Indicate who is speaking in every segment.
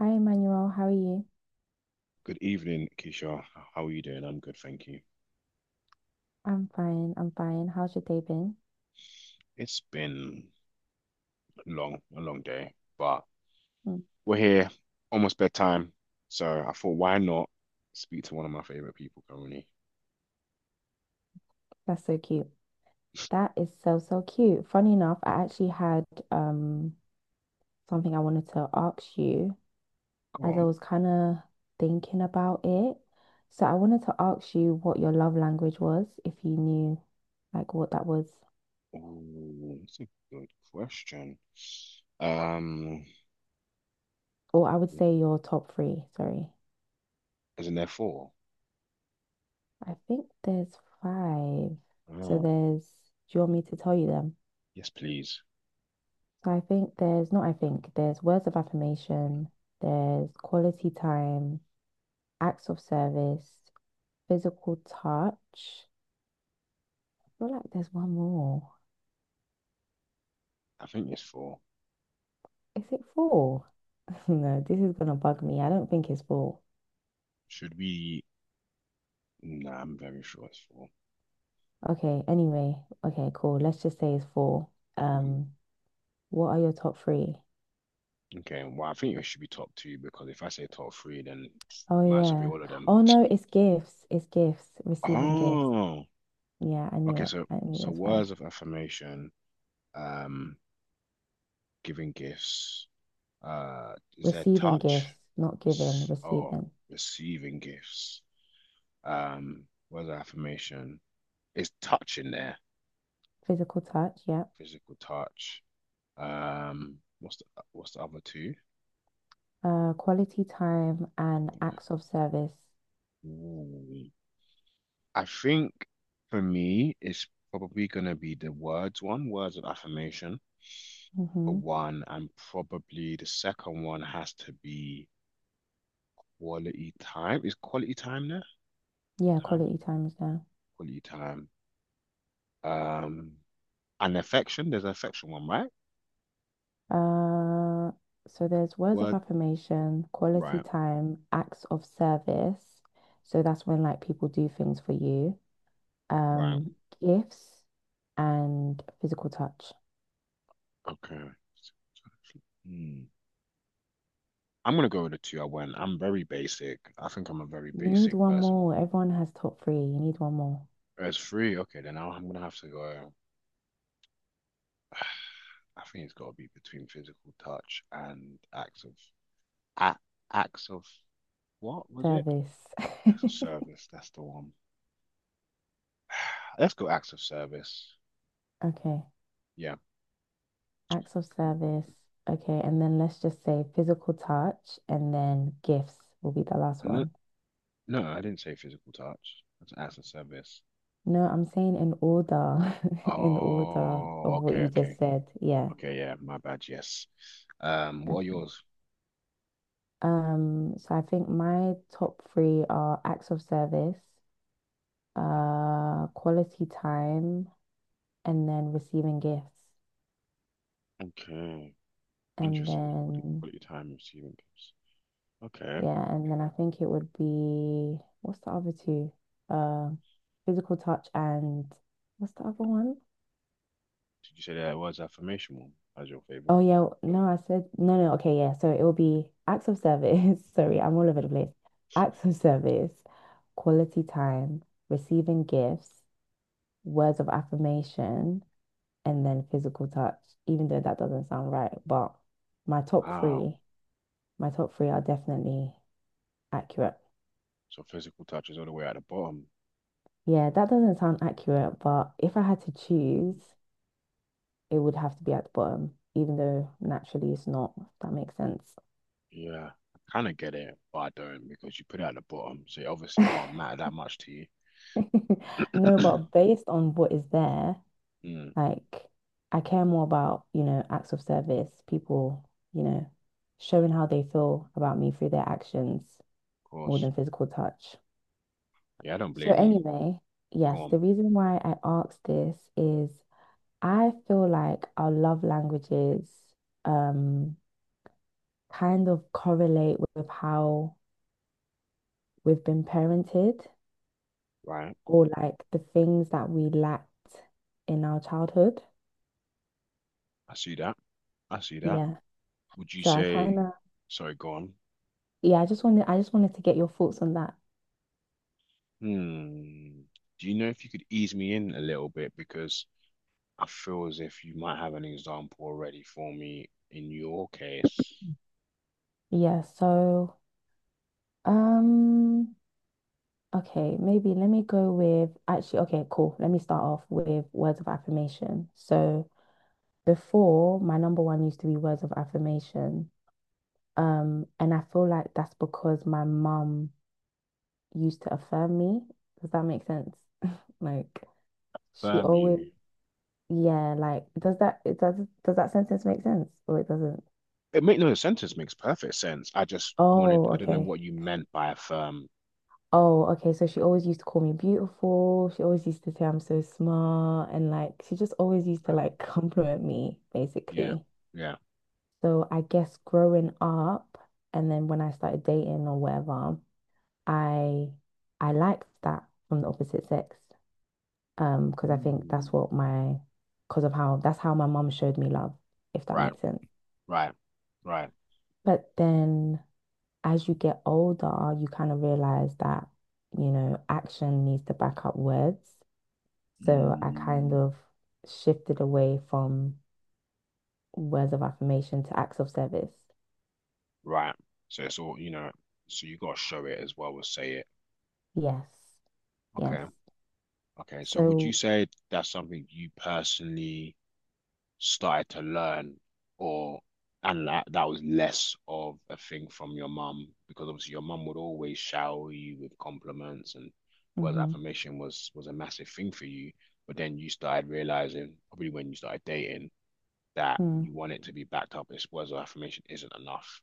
Speaker 1: Hi, Emmanuel. How are you?
Speaker 2: Good evening, Keisha. How are you doing? I'm good, thank you.
Speaker 1: I'm fine. I'm fine. How's your day been?
Speaker 2: It's been a long day, but
Speaker 1: Mm,
Speaker 2: we're here, almost bedtime. So I thought, why not speak to one of my favorite people currently?
Speaker 1: that's so cute. That is so, so cute. Funny enough, I actually had um something I wanted to ask you
Speaker 2: Go
Speaker 1: as I
Speaker 2: on.
Speaker 1: was kind of thinking about it. So I wanted to ask you what your love language was, if you knew like what that was,
Speaker 2: Oh, that's a good question. Um,
Speaker 1: or I would say your top three. Sorry.
Speaker 2: isn't there four?
Speaker 1: I think there's five. So
Speaker 2: Oh,
Speaker 1: there's, do you want me to tell you them?
Speaker 2: yes, please.
Speaker 1: So I think there's not, I think there's words of affirmation, there's quality time, acts of service, physical touch. I feel like there's one more.
Speaker 2: I think it's four.
Speaker 1: Is it four? No, this is gonna bug me. I don't think it's four.
Speaker 2: Should we? Nah, I'm very sure it's four.
Speaker 1: Okay, anyway, okay, cool. Let's just say it's four.
Speaker 2: Mhm.
Speaker 1: Um, what are your top three?
Speaker 2: Okay, well, I think it should be top two because if I say top three, then
Speaker 1: Oh
Speaker 2: might as well be
Speaker 1: yeah.
Speaker 2: all of them.
Speaker 1: Oh no, it's gifts. It's gifts. Receiving gifts.
Speaker 2: Oh.
Speaker 1: Yeah, I knew
Speaker 2: Okay,
Speaker 1: it.
Speaker 2: so
Speaker 1: I knew
Speaker 2: so
Speaker 1: that's five.
Speaker 2: words of affirmation, um, giving gifts, uh, is there
Speaker 1: Receiving gifts,
Speaker 2: touch?
Speaker 1: not giving,
Speaker 2: It's oh,
Speaker 1: receiving.
Speaker 2: receiving gifts. Um, words of affirmation. Is touch in there?
Speaker 1: Physical touch, yeah.
Speaker 2: Physical touch. Um, what's the what's the other two?
Speaker 1: Quality time and acts of service.
Speaker 2: Ooh. I think for me, it's probably gonna be the words one, words of affirmation for
Speaker 1: Mm-hmm.
Speaker 2: one, and probably the second one has to be quality time. Is quality time there?
Speaker 1: Yeah,
Speaker 2: Time.
Speaker 1: quality time is there.
Speaker 2: Quality time. Um, and affection. There's an affection one, right?
Speaker 1: Uh, so there's words of
Speaker 2: Word.
Speaker 1: affirmation, quality
Speaker 2: Right.
Speaker 1: time, acts of service. So that's when like people do things for you.
Speaker 2: Right.
Speaker 1: Um, gifts and physical touch.
Speaker 2: Okay. Hmm. I'm gonna go with the two I went. I'm very basic. I think I'm a very
Speaker 1: You need
Speaker 2: basic
Speaker 1: one
Speaker 2: person.
Speaker 1: more. Everyone has top three. You need one more.
Speaker 2: There's three. Okay, then I'm gonna have to go. I think it's got to be between physical touch and a, acts of what was it?
Speaker 1: Service.
Speaker 2: Acts of service. That's the one. Let's go acts of service.
Speaker 1: Okay.
Speaker 2: Yeah.
Speaker 1: Acts of service. Okay, and then let's just say physical touch and then gifts will be the last
Speaker 2: And
Speaker 1: one.
Speaker 2: No, I didn't say physical touch. That's as a service.
Speaker 1: No, I'm saying in order, in order
Speaker 2: Oh,
Speaker 1: of what
Speaker 2: okay,
Speaker 1: you just
Speaker 2: okay.
Speaker 1: said. Yeah.
Speaker 2: Okay, yeah, my bad, yes. What are
Speaker 1: Okay.
Speaker 2: yours?
Speaker 1: So I think my top three are acts of service,
Speaker 2: Mm,
Speaker 1: quality time, and then receiving gifts.
Speaker 2: okay.
Speaker 1: And
Speaker 2: Interesting. Quality,
Speaker 1: then
Speaker 2: quality time receiving gifts. Okay. Did
Speaker 1: yeah, and then I think it would be what's the other two? Uh, physical touch and what's the other one?
Speaker 2: you say that was affirmational as your favorite?
Speaker 1: Oh yeah, no, I said no, no. Okay, yeah. So it will be acts of service. Sorry, I'm all over the
Speaker 2: Hmm.
Speaker 1: place. Acts of service, quality time, receiving gifts, words of affirmation, and then physical touch. Even though that doesn't sound right, but my top
Speaker 2: Wow.
Speaker 1: three, my top three are definitely accurate.
Speaker 2: So physical touch is all the way at the bottom.
Speaker 1: Yeah, that doesn't sound accurate, but if I had to
Speaker 2: Mm,
Speaker 1: choose, it would have to be at the bottom, even though naturally it's not, if that makes sense.
Speaker 2: yeah. I kind of get it, but I don't because you put it at the bottom. So it obviously can't matter that much to you.
Speaker 1: No, but based on what is there,
Speaker 2: Mm, of
Speaker 1: like I care more about, acts of service, people, showing how they feel about me through their actions more
Speaker 2: course.
Speaker 1: than physical touch.
Speaker 2: Yeah, I don't
Speaker 1: So
Speaker 2: blame you.
Speaker 1: anyway,
Speaker 2: Go
Speaker 1: yes,
Speaker 2: on.
Speaker 1: the reason why I asked this is I feel like our love languages um kind of correlate with how we've been parented
Speaker 2: Right.
Speaker 1: or like the things that we lacked in our childhood.
Speaker 2: I see that. I see that.
Speaker 1: Yeah.
Speaker 2: Would you
Speaker 1: So I kind
Speaker 2: say,
Speaker 1: of,
Speaker 2: sorry, go on.
Speaker 1: yeah, I just wanted to get your thoughts on that.
Speaker 2: Hmm. Do you know if you could ease me in a little bit? Because I feel as if you might have an example already for me in your case.
Speaker 1: Yeah, so, um, okay, maybe let me go with, actually, okay, cool. Let me start off with words of affirmation. So before, my number one used to be words of affirmation. And I feel like that's because my mum used to affirm me. Does that make sense? Like she
Speaker 2: Firm
Speaker 1: always,
Speaker 2: you.
Speaker 1: yeah, does that sentence make sense or it doesn't?
Speaker 2: It make no sentence makes perfect sense.
Speaker 1: Oh,
Speaker 2: I don't know
Speaker 1: okay.
Speaker 2: what you meant by a firm.
Speaker 1: Oh, okay. So she always used to call me beautiful. She always used to say I'm so smart. And like, she just always used to
Speaker 2: Oh,
Speaker 1: like compliment me,
Speaker 2: yeah,
Speaker 1: basically.
Speaker 2: yeah.
Speaker 1: So I guess growing up and then when I started dating or whatever, I I liked that from the opposite sex. Um, because I think
Speaker 2: Hmm.
Speaker 1: that's what my, because of how, that's how my mum showed me love, if that
Speaker 2: Right,
Speaker 1: makes sense.
Speaker 2: right, right.
Speaker 1: But then as you get older, you kind of realize that, you know, action needs to back up words. So I kind
Speaker 2: Hmm.
Speaker 1: of shifted away from words of affirmation to acts of service.
Speaker 2: Right. So it's all, so you got to show it as well as say it.
Speaker 1: Yes, yes.
Speaker 2: Okay. Okay, so would you
Speaker 1: So
Speaker 2: say that's something you personally started to learn or and that was less of a thing from your mum, because obviously your mum would always shower you with compliments, and word of
Speaker 1: mhm,
Speaker 2: affirmation was a massive thing for you, but then you started realizing, probably when you started dating, that
Speaker 1: mm
Speaker 2: you want it to be backed up. This words of affirmation isn't enough.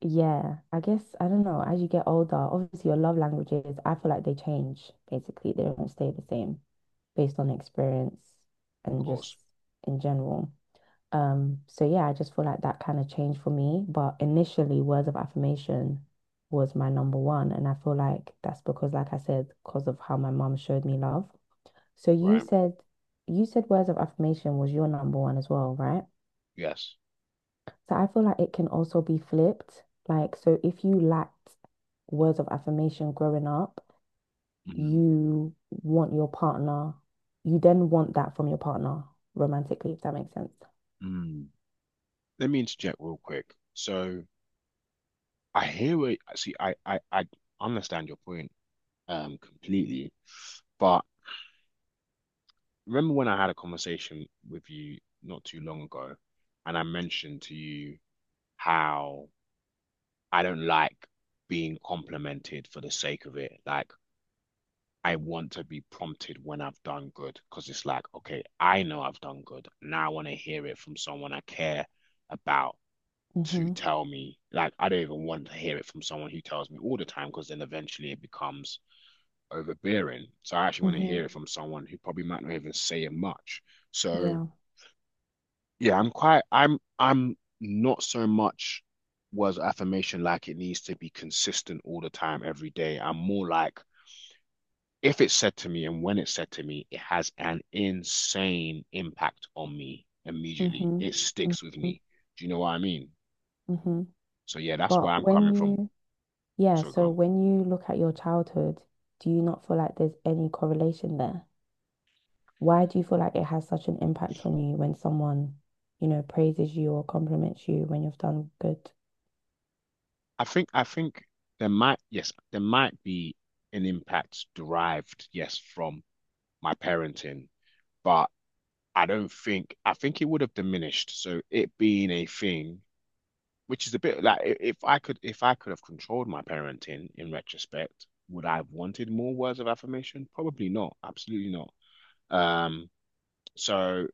Speaker 1: yeah, I guess I don't know. As you get older, obviously your love languages, I feel like they change basically. They don't stay the same based on experience
Speaker 2: Of
Speaker 1: and
Speaker 2: course.
Speaker 1: just in general. So yeah, I just feel like that kind of changed for me. But initially, words of affirmation was my number one. And I feel like that's because, like I said, because of how my mom showed me love. So
Speaker 2: Right.
Speaker 1: you said words of affirmation was your number one as well, right?
Speaker 2: Yes.
Speaker 1: So I feel like it can also be flipped. Like, so if you lacked words of affirmation growing up,
Speaker 2: Mhm.
Speaker 1: you want your partner, you then want that from your partner romantically, if that makes sense.
Speaker 2: Mm. Let me interject real quick. So I hear what see, I understand your point completely. But remember when I had a conversation with you not too long ago, and I mentioned to you how I don't like being complimented for the sake of it. Like, I want to be prompted when I've done good, because it's like, okay, I know I've done good. Now I want to hear it from someone I care about to
Speaker 1: Mm-hmm.
Speaker 2: tell me. Like, I don't even want to hear it from someone who tells me all the time, because then eventually it becomes overbearing. So I actually want to
Speaker 1: Mm-hmm.
Speaker 2: hear it from someone who probably might not even say it much. So
Speaker 1: Yeah.
Speaker 2: yeah, I'm quite I'm not so much was affirmation, like it needs to be consistent all the time, every day. I'm more like, if it's said to me and when it's said to me, it has an insane impact on me immediately.
Speaker 1: Mm-hmm.
Speaker 2: It sticks with
Speaker 1: Mm-hmm.
Speaker 2: me. Do you know what I mean?
Speaker 1: Mm-hmm.
Speaker 2: So yeah, that's where
Speaker 1: But
Speaker 2: I'm
Speaker 1: when
Speaker 2: coming from.
Speaker 1: you, yeah,
Speaker 2: So go
Speaker 1: so
Speaker 2: on.
Speaker 1: when you look at your childhood, do you not feel like there's any correlation there? Why do you feel like it has such an impact on you when someone, you know, praises you or compliments you when you've done good?
Speaker 2: I think there might, yes, there might be an impact derived, yes, from my parenting, but I don't think, I think it would have diminished. So it being a thing, which is a bit like, if I could have controlled my parenting in retrospect, would I have wanted more words of affirmation? Probably not. Absolutely not. Um, so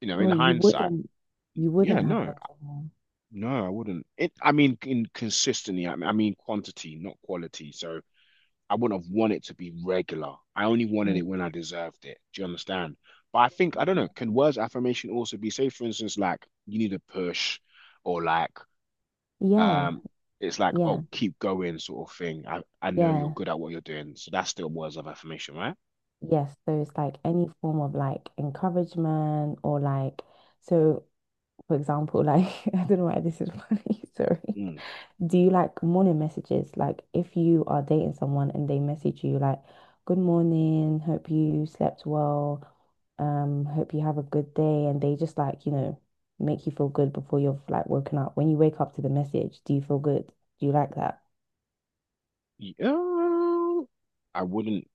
Speaker 2: in
Speaker 1: Wait,
Speaker 2: hindsight,
Speaker 1: you
Speaker 2: yeah,
Speaker 1: wouldn't have
Speaker 2: no,
Speaker 1: wanted more.
Speaker 2: no, I wouldn't. I mean, in consistently, I mean quantity, not quality. So I wouldn't have wanted to be regular. I only wanted it
Speaker 1: Them.
Speaker 2: when I deserved it. Do you understand? But I think,
Speaker 1: Mm.
Speaker 2: I don't
Speaker 1: Okay.
Speaker 2: know, can words of affirmation also be, say, for instance, like you need a push or like
Speaker 1: Yeah,
Speaker 2: um it's like, oh,
Speaker 1: yeah,
Speaker 2: keep going sort of thing. I know you're
Speaker 1: yeah,
Speaker 2: good at what you're doing. So that's still words of affirmation, right?
Speaker 1: yes. So it's like any form of like encouragement or like, so for example, like I don't know why this is funny, sorry.
Speaker 2: Mm.
Speaker 1: Do you like morning messages? Like if you are dating someone and they message you like, good morning, hope you slept well, hope you have a good day, and they just like, you know, make you feel good before you've like woken up. When you wake up to the message, do you feel good? Do you like that?
Speaker 2: Yeah. I wouldn't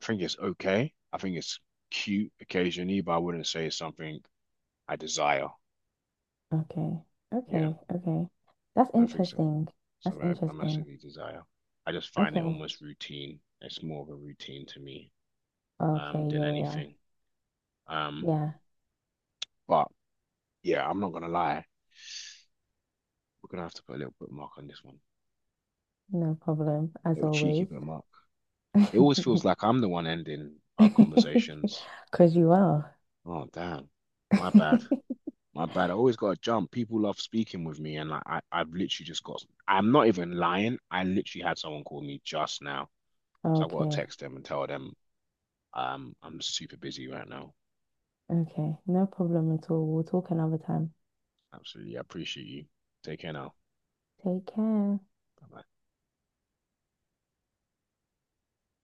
Speaker 2: think it's okay. I think it's cute occasionally, but I wouldn't say it's something I desire.
Speaker 1: Okay.
Speaker 2: Yeah,
Speaker 1: Okay. Okay. That's
Speaker 2: I don't think so.
Speaker 1: interesting. That's
Speaker 2: Something I
Speaker 1: interesting.
Speaker 2: massively desire. I just find it
Speaker 1: Okay.
Speaker 2: almost routine. It's more of a routine to me
Speaker 1: Okay.
Speaker 2: than
Speaker 1: Yeah. Yeah.
Speaker 2: anything. Um,
Speaker 1: Yeah.
Speaker 2: but yeah, I'm not gonna lie. We're gonna have to put a little bookmark on this one.
Speaker 1: No problem,
Speaker 2: A
Speaker 1: as
Speaker 2: little cheeky
Speaker 1: always.
Speaker 2: bookmark. It always feels like I'm the one ending our conversations.
Speaker 1: Because you are.
Speaker 2: Oh damn. My bad. My bad. I always gotta jump. People love speaking with me, and like I've literally just got I'm not even lying. I literally had someone call me just now. So I've got to
Speaker 1: Okay.
Speaker 2: text them and tell them I'm super busy right now.
Speaker 1: Okay. No problem at all. We'll talk another time.
Speaker 2: Absolutely. I appreciate you. Take care now.
Speaker 1: Take care.
Speaker 2: Bye-bye.